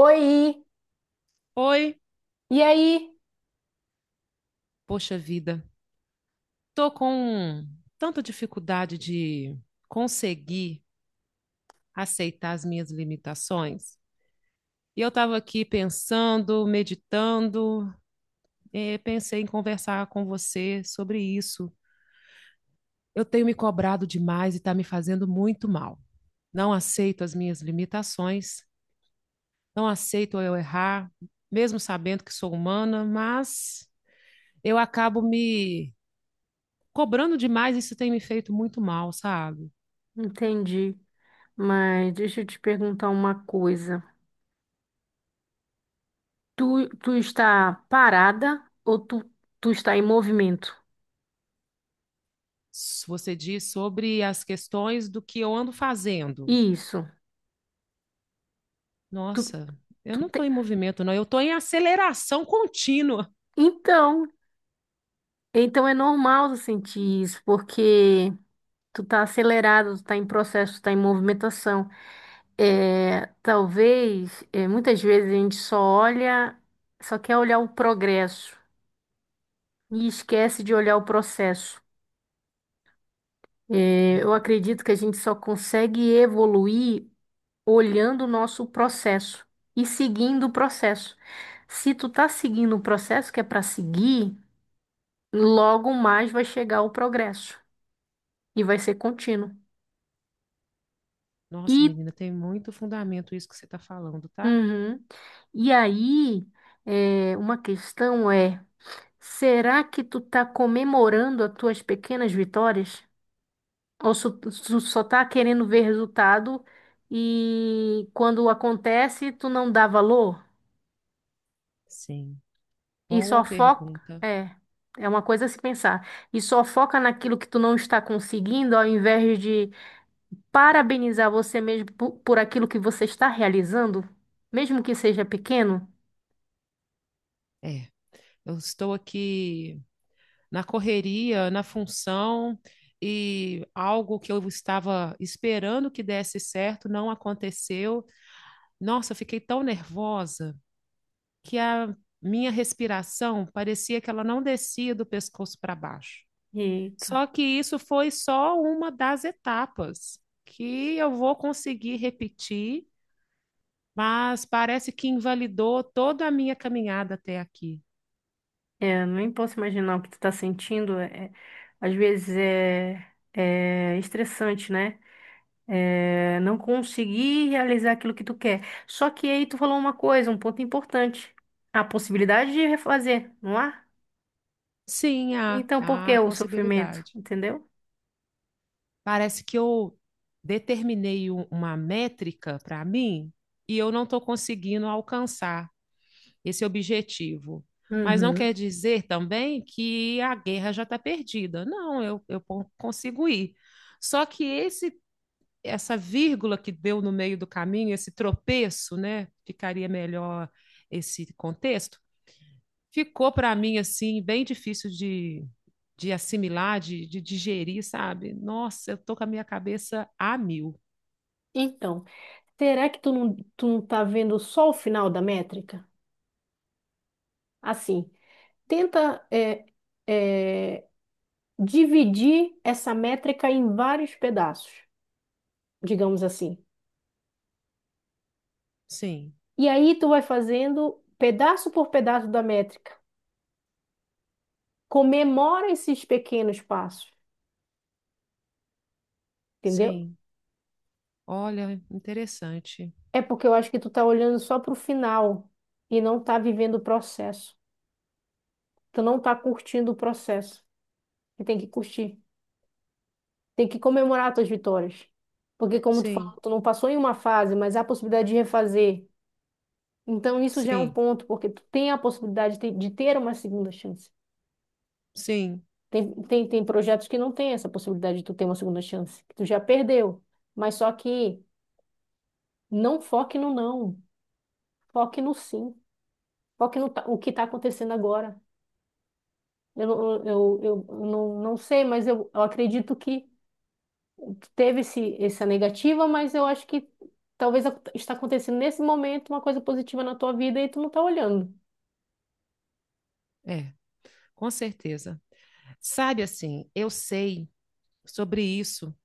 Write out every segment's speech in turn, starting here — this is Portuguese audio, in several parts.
Oi, Oi, e aí? poxa vida, tô com tanta dificuldade de conseguir aceitar as minhas limitações. E eu estava aqui pensando, meditando, pensei em conversar com você sobre isso. Eu tenho me cobrado demais e está me fazendo muito mal. Não aceito as minhas limitações, não aceito eu errar, mesmo sabendo que sou humana, mas eu acabo me cobrando demais e isso tem me feito muito mal, sabe? Entendi. Mas deixa eu te perguntar uma coisa. Tu está parada ou tu está em movimento? Você diz sobre as questões do que eu ando fazendo. Isso. Tu, Nossa, eu tu não estou te- em movimento, não. Eu estou em aceleração contínua. Então, então é normal tu sentir isso, porque tu tá acelerado, tu tá em processo, tu tá em movimentação. Muitas vezes a gente só olha, só quer olhar o progresso e esquece de olhar o processo. Eu Verdade. acredito que a gente só consegue evoluir olhando o nosso processo e seguindo o processo. Se tu tá seguindo o processo que é para seguir, logo mais vai chegar o progresso e vai ser contínuo. E, Nossa, menina, tem muito fundamento isso que você está falando, tá? uhum. E aí, uma questão é, será que tu tá comemorando as tuas pequenas vitórias? Tu só tá querendo ver resultado e quando acontece, tu não dá valor Sim. e Boa só foca. pergunta. É, é uma coisa a se pensar. E só foca naquilo que tu não está conseguindo, ao invés de parabenizar você mesmo por aquilo que você está realizando, mesmo que seja pequeno. É, eu estou aqui na correria, na função, e algo que eu estava esperando que desse certo não aconteceu. Nossa, eu fiquei tão nervosa que a minha respiração parecia que ela não descia do pescoço para baixo. Eita, Só que isso foi só uma das etapas que eu vou conseguir repetir, mas parece que invalidou toda a minha caminhada até aqui. é, nem posso imaginar o que tu tá sentindo. Às vezes é, é estressante, né? É, não conseguir realizar aquilo que tu quer. Só que aí tu falou uma coisa, um ponto importante. A possibilidade de refazer, não há? Sim, há, Então, por que há o sofrimento? possibilidade. Entendeu? Parece que eu determinei uma métrica para mim e eu não estou conseguindo alcançar esse objetivo. Mas não quer Uhum. dizer também que a guerra já está perdida. Não, eu consigo ir. Só que esse essa vírgula que deu no meio do caminho, esse tropeço, né? Ficaria melhor esse contexto. Ficou para mim assim bem difícil de assimilar, de digerir, sabe? Nossa, eu tô com a minha cabeça a mil. Então, será que tu não tá vendo só o final da métrica? Assim, tenta é, dividir essa métrica em vários pedaços, digamos assim. Sim, E aí tu vai fazendo pedaço por pedaço da métrica. Comemora esses pequenos passos. Entendeu? sim. Olha, interessante. É porque eu acho que tu tá olhando só pro final e não tá vivendo o processo. Tu não tá curtindo o processo. E tem que curtir. Tem que comemorar as tuas vitórias. Porque como tu falou, Sim, tu não passou em uma fase, mas há a possibilidade de refazer. Então isso já é um sim, ponto, porque tu tem a possibilidade de ter uma segunda chance. sim. Tem projetos que não tem essa possibilidade de tu ter uma segunda chance, que tu já perdeu. Mas só que não foque no não, foque no sim, foque no ta- o que está acontecendo agora. Eu, eu não, não sei, mas eu acredito que teve essa negativa, mas eu acho que talvez está acontecendo nesse momento uma coisa positiva na tua vida e tu não tá olhando. É. Com certeza. Sabe assim, eu sei sobre isso,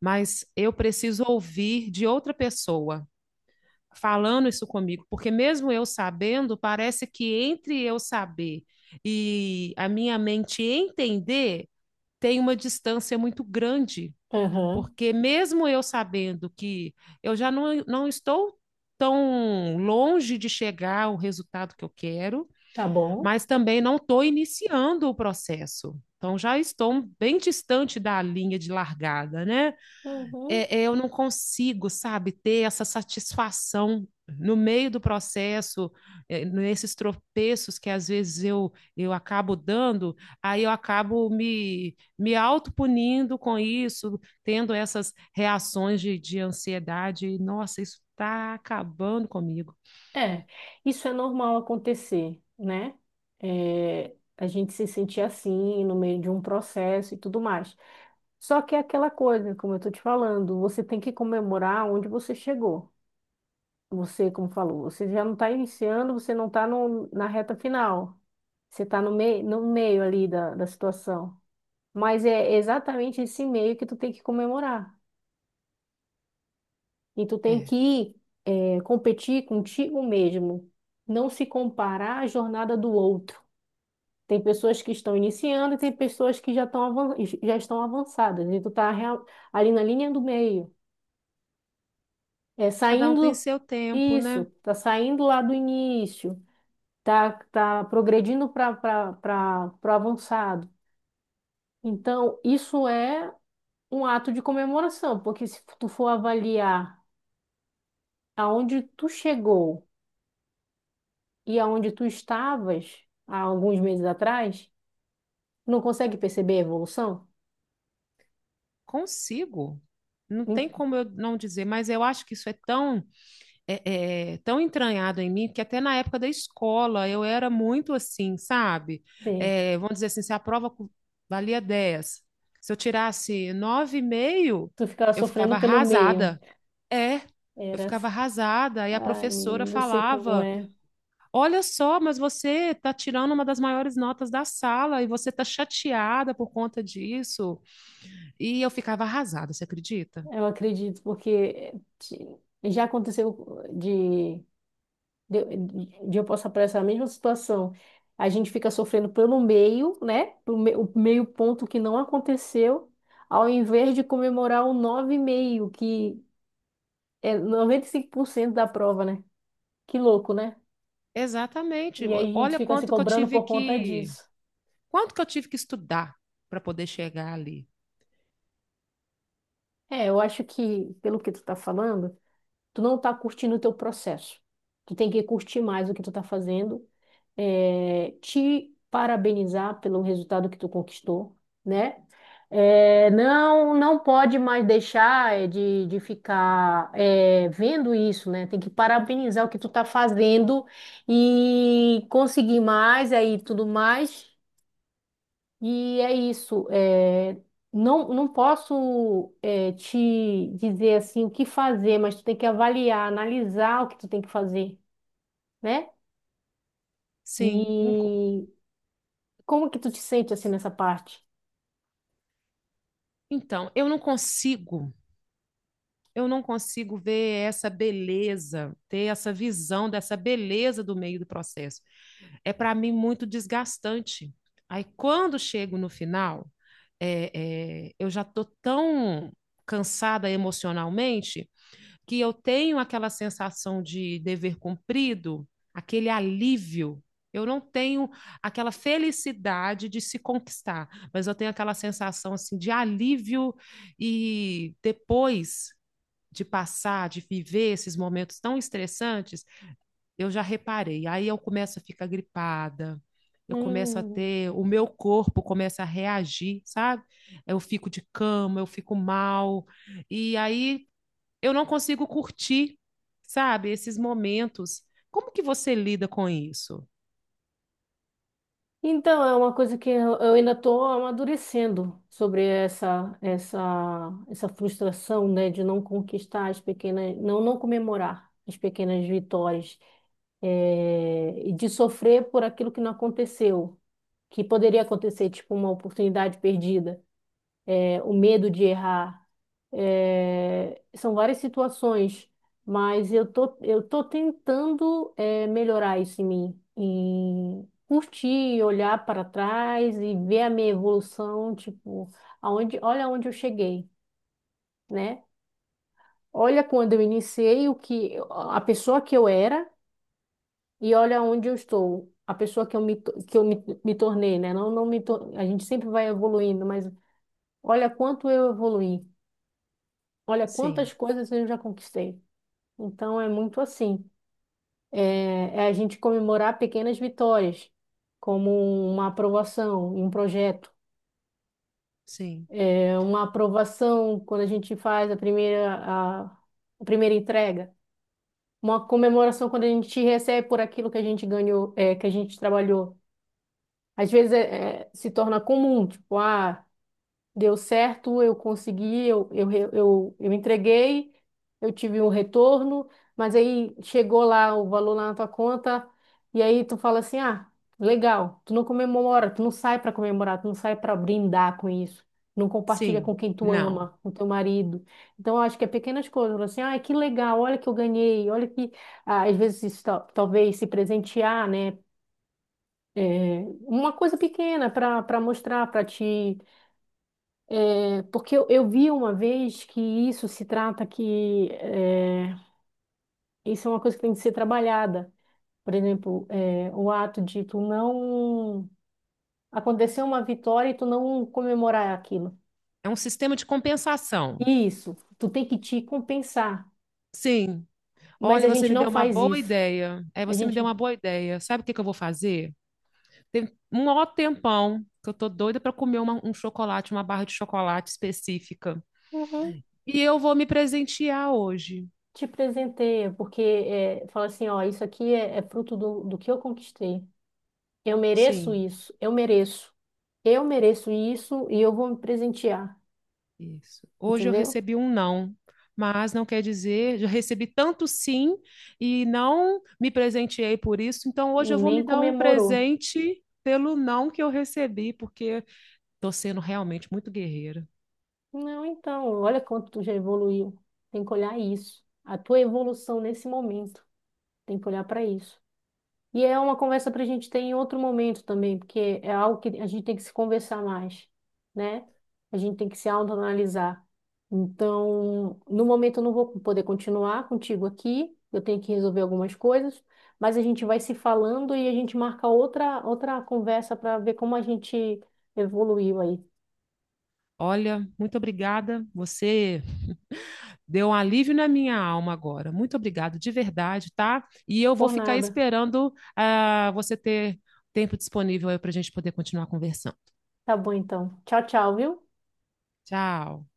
mas eu preciso ouvir de outra pessoa falando isso comigo, porque mesmo eu sabendo, parece que entre eu saber e a minha mente entender, tem uma distância muito grande, Aham, porque mesmo eu sabendo que eu já não estou tão longe de chegar ao resultado que eu quero, tá bom. mas também não estou iniciando o processo. Então, já estou bem distante da linha de largada, né? Uhum. É, eu não consigo, sabe, ter essa satisfação no meio do processo, nesses tropeços que às vezes eu acabo dando, aí eu acabo me autopunindo com isso, tendo essas reações de ansiedade. Nossa, isso está acabando comigo. É, isso é normal acontecer, né? É, a gente se sentir assim no meio de um processo e tudo mais. Só que é aquela coisa, como eu tô te falando, você tem que comemorar onde você chegou. Você, como falou, você já não está iniciando, você não está na reta final. Você está no meio, no meio ali da situação. Mas é exatamente esse meio que tu tem que comemorar. E tu tem É, que competir contigo mesmo. Não se comparar à jornada do outro. Tem pessoas que estão iniciando e tem pessoas que já estão avançadas. E tu tá ali na linha do meio. É, cada um tem saindo... seu tempo, Isso, né? tá saindo lá do início, tá, tá progredindo para o avançado. Então, isso é um ato de comemoração, porque se tu for avaliar aonde tu chegou e aonde tu estavas há alguns meses atrás, não consegue perceber a evolução? Consigo. Não tem como eu não dizer, mas eu acho que isso é tão, tão entranhado em mim que até na época da escola eu era muito assim, sabe? Entende? É, vamos dizer assim, se a prova valia 10, se eu tirasse 9,5, Tu ficava eu ficava sofrendo pelo meio. arrasada. É, eu Era ficava assim. arrasada. E a Ai, professora menina, eu sei como falava: é. Olha só, mas você está tirando uma das maiores notas da sala e você está chateada por conta disso. E eu ficava arrasada, você acredita? Eu acredito, porque já aconteceu de, de eu passar por essa mesma situação. A gente fica sofrendo pelo meio, né? O meio ponto que não aconteceu, ao invés de comemorar o 9,5, que é 95% da prova, né? Que louco, né? Exatamente. E aí a gente Olha fica se cobrando por conta disso. quanto que eu tive que estudar para poder chegar ali. É, eu acho que, pelo que tu tá falando, tu não tá curtindo o teu processo. Tu tem que curtir mais o que tu tá fazendo, é, te parabenizar pelo resultado que tu conquistou, né? É, não, não pode mais deixar de ficar vendo isso, né? Tem que parabenizar o que tu está fazendo e conseguir mais aí tudo mais. E é isso. É, não, não posso te dizer assim o que fazer, mas tu tem que avaliar, analisar o que tu tem que fazer, né? Sim. E como que tu te sente assim nessa parte? Então, eu não consigo ver essa beleza, ter essa visão dessa beleza do meio do processo. É para mim muito desgastante. Aí, quando chego no final, eu já tô tão cansada emocionalmente que eu tenho aquela sensação de dever cumprido, aquele alívio. Eu não tenho aquela felicidade de se conquistar, mas eu tenho aquela sensação assim de alívio e depois de passar, de viver esses momentos tão estressantes, eu já reparei. Aí eu começo a ficar gripada, eu começo a Hum. ter, o meu corpo começa a reagir, sabe? Eu fico de cama, eu fico mal. E aí eu não consigo curtir, sabe, esses momentos. Como que você lida com isso? Então, é uma coisa que eu ainda estou amadurecendo sobre essa frustração, né, de não conquistar as pequenas, não comemorar as pequenas vitórias, e de sofrer por aquilo que não aconteceu, que poderia acontecer, tipo uma oportunidade perdida, o medo de errar. É, são várias situações, mas eu tô tentando melhorar isso em mim, em curtir, olhar para trás e ver a minha evolução, tipo, olha onde eu cheguei, né? Olha quando eu iniciei, o que a pessoa que eu era, e olha onde eu estou, a pessoa que eu me, to- que eu me, me tornei, né? Não, não me, tor- A gente sempre vai evoluindo, mas olha quanto eu evoluí. Olha Sim, quantas coisas eu já conquistei. Então é muito assim. É, é a gente comemorar pequenas vitórias, como uma aprovação em um projeto. sim, É uma aprovação quando a gente faz a primeira entrega. Uma comemoração quando a gente recebe por aquilo que a gente ganhou, é, que a gente trabalhou. Às vezes se torna comum, tipo, ah, deu certo, eu consegui, eu entreguei, eu tive um retorno, mas aí chegou lá o valor lá na tua conta, e aí tu fala assim, ah, legal, tu não comemora, tu não sai para comemorar, tu não sai para brindar com isso. Não compartilha sim. com quem tu Não. ama, com teu marido. Então, eu acho que é pequenas coisas. Fala assim, ai, que legal, olha que eu ganhei, olha que, ah, às vezes, talvez se presentear, né? É, uma coisa pequena para mostrar, porque eu vi uma vez que isso se trata que é, isso é uma coisa que tem que ser trabalhada. Por exemplo, é, o ato de tu não acontecer uma vitória e tu não comemorar aquilo. É um sistema de compensação. Isso, tu tem que te compensar. Sim. Mas Olha, a você gente me não deu uma faz boa isso. ideia. É, A você me gente deu uma boa ideia. Sabe o que que eu vou fazer? Tem um ó tempão que eu tô doida para comer um chocolate, uma barra de chocolate específica. uhum, E eu vou me presentear hoje. Te presenteia, porque é, fala assim, ó, isso aqui é, é fruto do que eu conquistei. Eu mereço Sim. isso, eu mereço. Eu mereço isso e eu vou me presentear, Isso. Hoje eu entendeu? recebi um não, mas não quer dizer, eu recebi tanto sim e não me presenteei por isso, então E hoje eu vou me nem dar um comemorou. presente pelo não que eu recebi, porque estou sendo realmente muito guerreira. Não, então, olha quanto tu já evoluiu. Tem que olhar isso. A tua evolução nesse momento. Tem que olhar para isso. E é uma conversa para a gente ter em outro momento também, porque é algo que a gente tem que se conversar mais, né? A gente tem que se autoanalisar. Então, no momento eu não vou poder continuar contigo aqui, eu tenho que resolver algumas coisas, mas a gente vai se falando e a gente marca outra conversa para ver como a gente evoluiu aí. Olha, muito obrigada. Você deu um alívio na minha alma agora. Muito obrigado, de verdade, tá? E eu vou Por ficar nada. esperando você ter tempo disponível aí para a gente poder continuar conversando. Tá bom, então. Tchau, tchau, viu? Tchau.